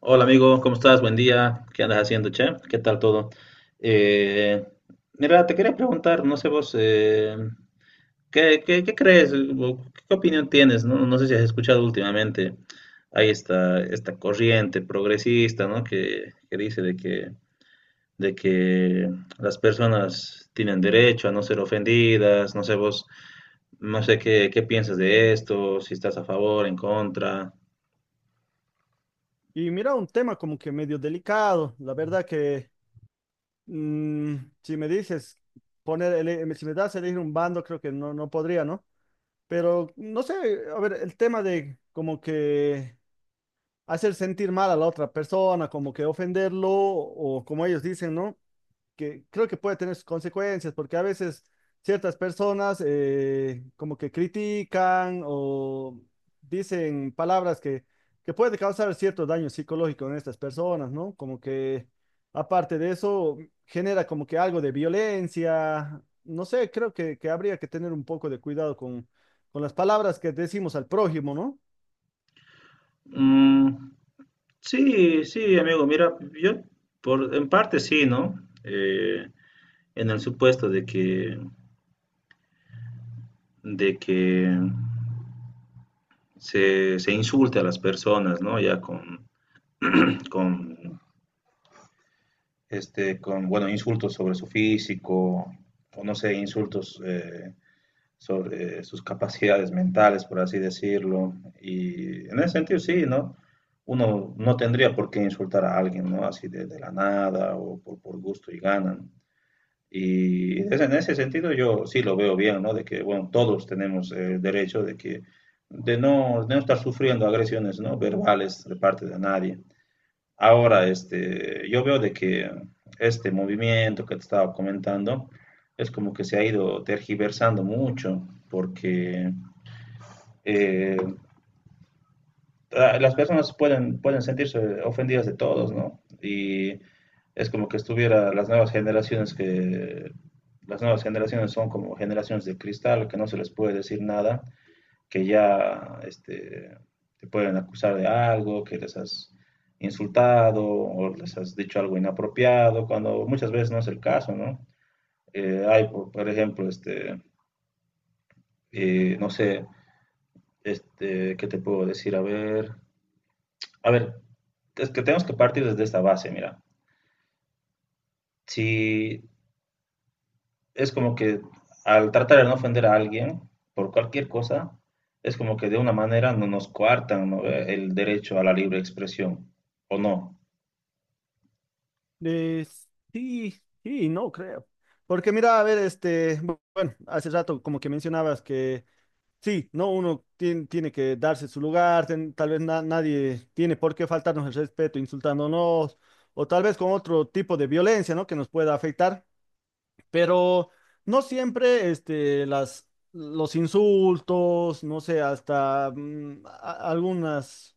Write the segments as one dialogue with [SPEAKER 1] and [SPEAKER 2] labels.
[SPEAKER 1] Hola amigo, ¿cómo estás? Buen día. ¿Qué andas haciendo, che? ¿Qué tal todo? Eh, Mira, te quería preguntar, no sé vos, ¿Qué crees? O ¿qué opinión tienes? No sé si has escuchado últimamente, hay esta corriente progresista, ¿no? Que dice de que las personas tienen derecho a no ser ofendidas, no sé vos, no sé qué piensas de esto, si estás a favor, en contra.
[SPEAKER 2] Y mira, un tema como que medio delicado. La verdad que mm, si me dices si me das a elegir un bando, creo que no podría, ¿no? Pero no sé, a ver, el tema de como que hacer sentir mal a la otra persona, como que ofenderlo, o como ellos dicen, ¿no? Que creo que puede tener sus consecuencias, porque a veces ciertas personas como que critican o dicen palabras que puede causar cierto daño psicológico en estas personas, ¿no? Como que aparte de eso genera como que algo de violencia, no sé, creo que habría que tener un poco de cuidado con las palabras que decimos al prójimo, ¿no?
[SPEAKER 1] Mm, sí, sí, amigo, mira, yo en parte sí, ¿no? Eh, en el supuesto de que se insulte a las personas, ¿no? Ya con, con bueno, insultos sobre su físico, o no sé, insultos, sobre sus capacidades mentales, por así decirlo. Y en ese sentido, sí, ¿no? Uno no tendría por qué insultar a alguien, ¿no? Así de la nada o por gusto y ganan. En ese sentido yo sí lo veo bien, ¿no? De que, bueno, todos tenemos el derecho de de de no estar sufriendo agresiones, ¿no? Verbales de parte de nadie. Ahora, este, yo veo de que este movimiento que te estaba comentando es como que se ha ido tergiversando mucho, porque eh, las personas pueden sentirse ofendidas de todos, ¿no? Y es como que estuviera las nuevas generaciones son como generaciones de cristal, que no se les puede decir nada, que ya este, te pueden acusar de algo, que les has insultado o les has dicho algo inapropiado, cuando muchas veces no es el caso, ¿no? Hay, ejemplo, este, no sé, este, ¿qué te puedo decir? A ver, es que tenemos que partir desde esta base, mira. Si es como que al tratar de no ofender a alguien por cualquier cosa, es como que de una manera no nos coartan, ¿no?, el derecho a la libre expresión, ¿o no?
[SPEAKER 2] Eh, sí, sí, no creo. Porque mira, a ver, este, bueno, hace rato como que mencionabas que sí, no, uno tiene que darse su lugar, tal vez nadie tiene por qué faltarnos el respeto insultándonos o tal vez con otro tipo de violencia, ¿no? Que nos pueda afectar, pero no siempre este, los insultos, no sé, hasta algunas,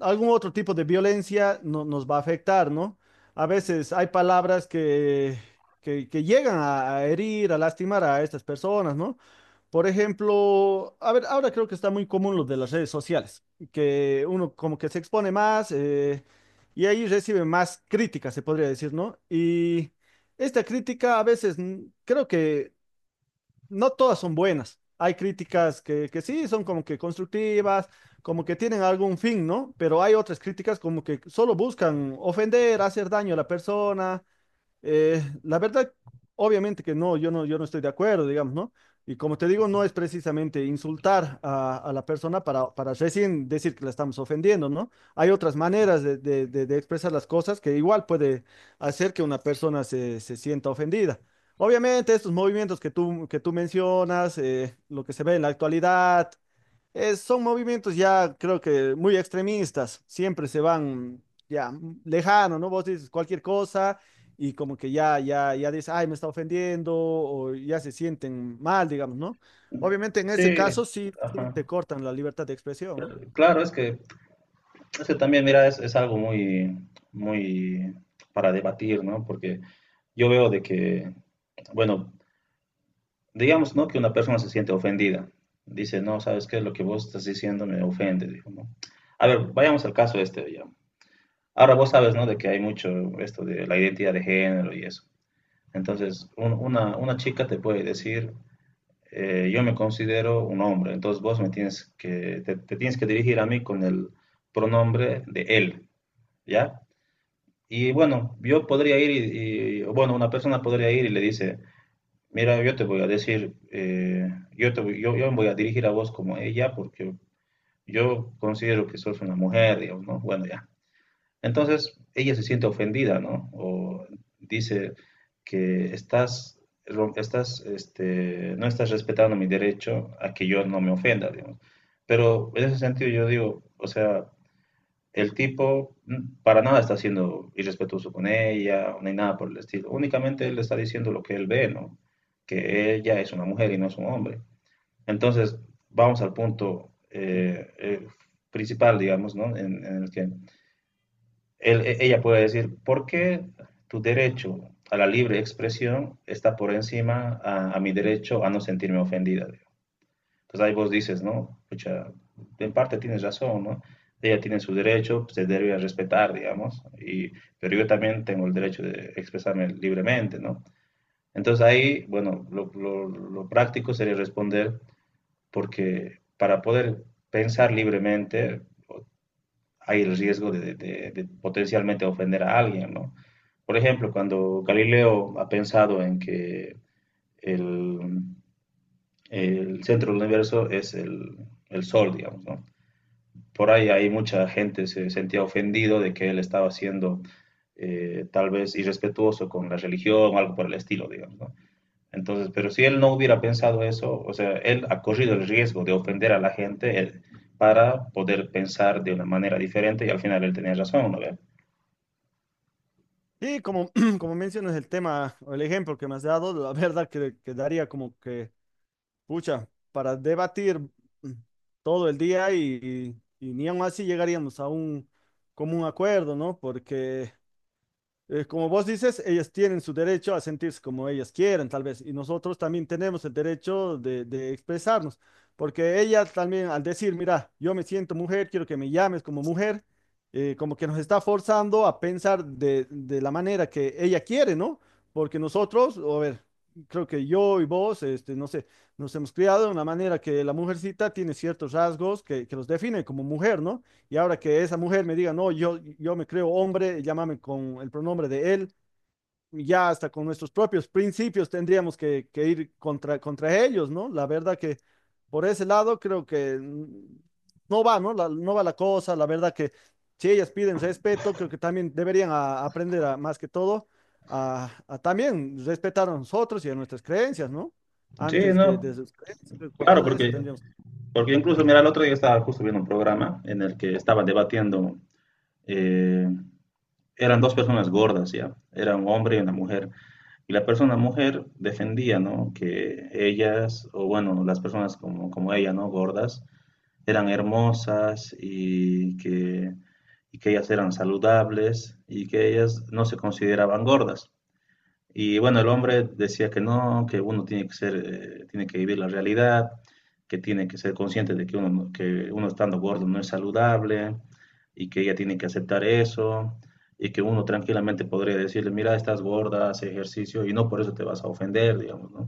[SPEAKER 2] algún otro tipo de violencia nos va a afectar, ¿no? A veces hay palabras que llegan a herir, a lastimar a estas personas, ¿no? Por ejemplo, a ver, ahora creo que está muy común lo de las redes sociales, que uno como que se expone más y ahí recibe más críticas, se podría decir, ¿no? Y esta crítica a veces creo que no todas son buenas. Hay críticas que sí son como que constructivas, como que tienen algún fin, ¿no? Pero hay otras críticas como que solo buscan ofender, hacer daño a la persona. La verdad, obviamente que no, yo no estoy de acuerdo, digamos, ¿no? Y como te digo, no es precisamente insultar a la persona para recién decir que la estamos ofendiendo, ¿no? Hay otras maneras de expresar las cosas que igual puede hacer que una persona se sienta ofendida. Obviamente, estos movimientos que tú mencionas, lo que se ve en la actualidad, son movimientos ya creo que muy extremistas, siempre se van ya lejano, ¿no? Vos dices cualquier cosa y como que ya dices, ay, me está ofendiendo o ya se sienten mal, digamos, ¿no? Obviamente en ese
[SPEAKER 1] Sí,
[SPEAKER 2] caso sí, sí
[SPEAKER 1] ajá.
[SPEAKER 2] te cortan la libertad de expresión, ¿no?
[SPEAKER 1] Claro, es que también, mira, es algo muy, muy para debatir, ¿no? Porque yo veo de que, bueno, digamos, ¿no? Que una persona se siente ofendida. Dice, no, ¿sabes qué? Lo que vos estás diciendo me ofende, dijo, ¿no? A ver, vayamos al caso este, ya. Ahora vos sabes, ¿no?, de que hay mucho esto de la identidad de género y eso. Entonces, una chica te puede decir, yo me considero un hombre, entonces vos me tienes que, te tienes que dirigir a mí con el pronombre de él, ¿ya? Y bueno, yo podría ir bueno, una persona podría ir y le dice, mira, yo te voy a decir, yo me voy a dirigir a vos como ella porque yo considero que sos una mujer, digamos, ¿no? Bueno, ya. Entonces ella se siente ofendida, ¿no? O dice que estás, estás, este, no estás respetando mi derecho a que yo no me ofenda, digamos. Pero en ese sentido yo digo, o sea, el tipo para nada está siendo irrespetuoso con ella, ni nada por el estilo. Únicamente él le está diciendo lo que él ve, ¿no? Que ella es una mujer y no es un hombre. Entonces, vamos al punto principal, digamos, ¿no?, en, el que ella puede decir, ¿por qué tu derecho a la libre expresión está por encima a mi derecho a no sentirme ofendida?, digo. Entonces ahí vos dices, ¿no? Pucha, en parte tienes razón, ¿no? Ella tiene su derecho, pues, se debe respetar, digamos, y, pero yo también tengo el derecho de expresarme libremente, ¿no? Entonces ahí, bueno, lo práctico sería responder porque para poder pensar libremente, hay el riesgo de, de potencialmente ofender a alguien, ¿no? Por ejemplo, cuando Galileo ha pensado en que el, el centro del universo es el Sol, digamos, ¿no? Por ahí hay mucha gente se sentía ofendido de que él estaba siendo tal vez irrespetuoso con la religión, algo por el estilo, digamos, ¿no? Entonces, pero si él no hubiera pensado eso, o sea, él ha corrido el riesgo de ofender a la gente él, para poder pensar de una manera diferente y al final él tenía razón, ¿no ve?
[SPEAKER 2] Y como, como mencionas el tema o el ejemplo que me has dado, la verdad que daría como que, pucha, para debatir mm, todo el día y ni aun así llegaríamos a un común acuerdo, ¿no? Porque como vos dices, ellas tienen su derecho a sentirse como ellas quieran, tal vez, y nosotros también tenemos el derecho de expresarnos, porque ellas también al decir, mira, yo me siento mujer, quiero que me llames como mujer, como que nos está forzando a pensar de la manera que ella quiere, ¿no? Porque nosotros, a ver, creo que yo y vos, este, no sé, nos hemos criado de una manera que la mujercita tiene ciertos rasgos que los define como mujer, ¿no? Y ahora que esa mujer me diga, no, yo me creo hombre, llámame con el pronombre de él, ya hasta con nuestros propios principios tendríamos que ir contra ellos, ¿no? La verdad que por ese lado creo que no va, ¿no? No va la cosa, la verdad que si ellas piden respeto, creo que también deberían aprender más que todo a también respetar a nosotros y a nuestras creencias, ¿no?
[SPEAKER 1] Sí,
[SPEAKER 2] Antes
[SPEAKER 1] no,
[SPEAKER 2] de sus creencias, por
[SPEAKER 1] claro,
[SPEAKER 2] todo eso
[SPEAKER 1] porque,
[SPEAKER 2] tendríamos.
[SPEAKER 1] porque incluso, mira, el otro día estaba justo viendo un programa en el que estaba debatiendo, eh, eran dos personas gordas, ¿ya? Era un hombre y una mujer. Y la persona mujer defendía, ¿no? Que ellas, o bueno, las personas como ella, ¿no? Gordas, eran hermosas y que ellas eran saludables y que ellas no se consideraban gordas. Y bueno, el hombre decía que no, que uno tiene que ser, tiene que vivir la realidad, que tiene que ser consciente de que uno, que uno estando gordo no es saludable y que ella tiene que aceptar eso y que uno tranquilamente podría decirle, mira, estás gorda, haz ejercicio y no por eso te vas a ofender, digamos, ¿no?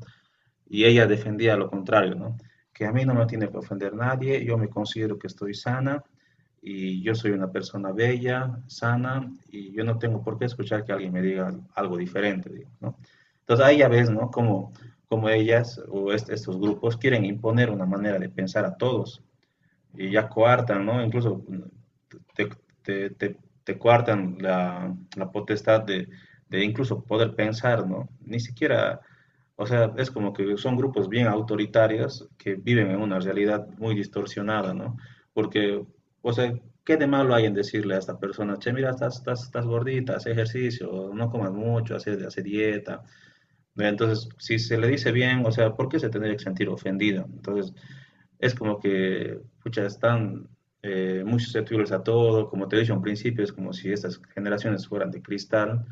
[SPEAKER 1] Y ella defendía lo contrario, ¿no? Que a mí no me tiene que ofender nadie, yo me considero que estoy sana y yo soy una persona bella, sana y yo no tengo por qué escuchar que alguien me diga algo diferente, digamos, ¿no? Entonces ahí ya ves, ¿no? Como, como ellas o estos grupos quieren imponer una manera de pensar a todos y ya coartan, ¿no? Incluso te, te, te, te coartan la potestad de, incluso poder pensar, ¿no? Ni siquiera, o sea, es como que son grupos bien autoritarios que viven en una realidad muy distorsionada, ¿no? Porque, o sea, ¿qué de malo hay en decirle a esta persona, che, mira, estás gordita, haz ejercicio, no comas mucho, hace dieta? Entonces, si se le dice bien, o sea, ¿por qué se tendría que sentir ofendida? Entonces, es como que, pucha, están muy susceptibles a todo, como te dije dicho en principio, es como si estas generaciones fueran de cristal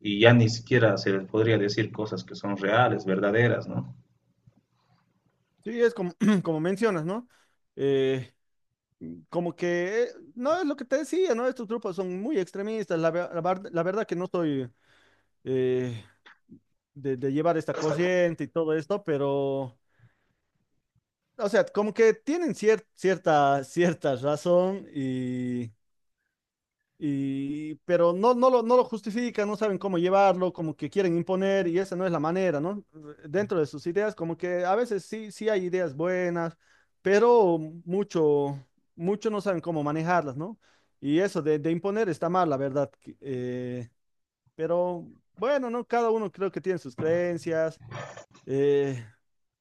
[SPEAKER 1] y ya ni siquiera se les podría decir cosas que son reales, verdaderas, ¿no?
[SPEAKER 2] Sí, es como, como mencionas, ¿no? Eh, Como que, no es lo que te decía, ¿no? Estos grupos son muy extremistas, la verdad que no estoy eh, de llevar esta corriente y todo esto, pero, o sea, como que tienen cierta, cierta razón y... Y, pero no lo justifican, no saben cómo llevarlo, como que quieren imponer y esa no es la manera, ¿no? Dentro de sus ideas, como que a veces sí, sí hay ideas buenas, pero mucho, mucho no saben cómo manejarlas, ¿no? Y eso de imponer está mal, la verdad. Pero bueno, ¿no? Cada uno creo que tiene sus creencias. eh,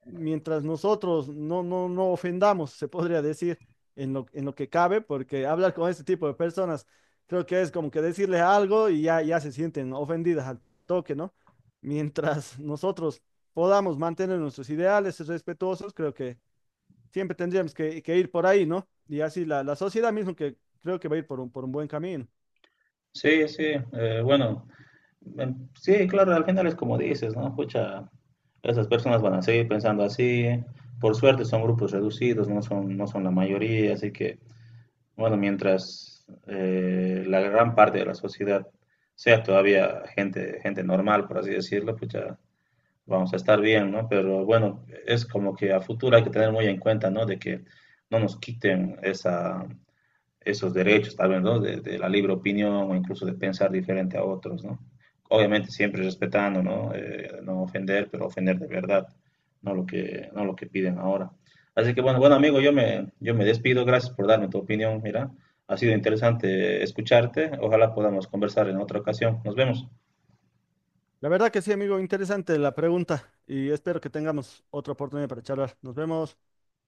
[SPEAKER 2] Mientras nosotros no ofendamos, se podría decir, en en lo que cabe, porque hablar con este tipo de personas, creo que es como que decirles algo y ya se sienten ofendidas al toque, ¿no? Mientras nosotros podamos mantener nuestros ideales respetuosos, creo que siempre tendríamos que ir por ahí, ¿no? Y así la sociedad mismo que creo que va a ir por por un buen camino.
[SPEAKER 1] Sí, sí, bueno, sí, claro, al final es como dices, ¿no? Pucha, esas personas van a seguir pensando así, por suerte son grupos reducidos, no son la mayoría, así que bueno, mientras la gran parte de la sociedad sea todavía gente normal, por así decirlo, pues ya vamos a estar bien, ¿no? Pero bueno, es como que a futuro hay que tener muy en cuenta, ¿no? De que no nos quiten esa, esos derechos, tal vez, ¿no? De, la libre opinión o incluso de pensar diferente a otros, ¿no? Obviamente siempre respetando, ¿no? No ofender, pero ofender de verdad, no lo que, no lo que piden ahora. Así que bueno, bueno amigo, yo me despido, gracias por darme tu opinión, mira, ha sido interesante escucharte, ojalá podamos conversar en otra ocasión, nos vemos.
[SPEAKER 2] La verdad que sí, amigo, interesante la pregunta y espero que tengamos otra oportunidad para charlar. Nos vemos.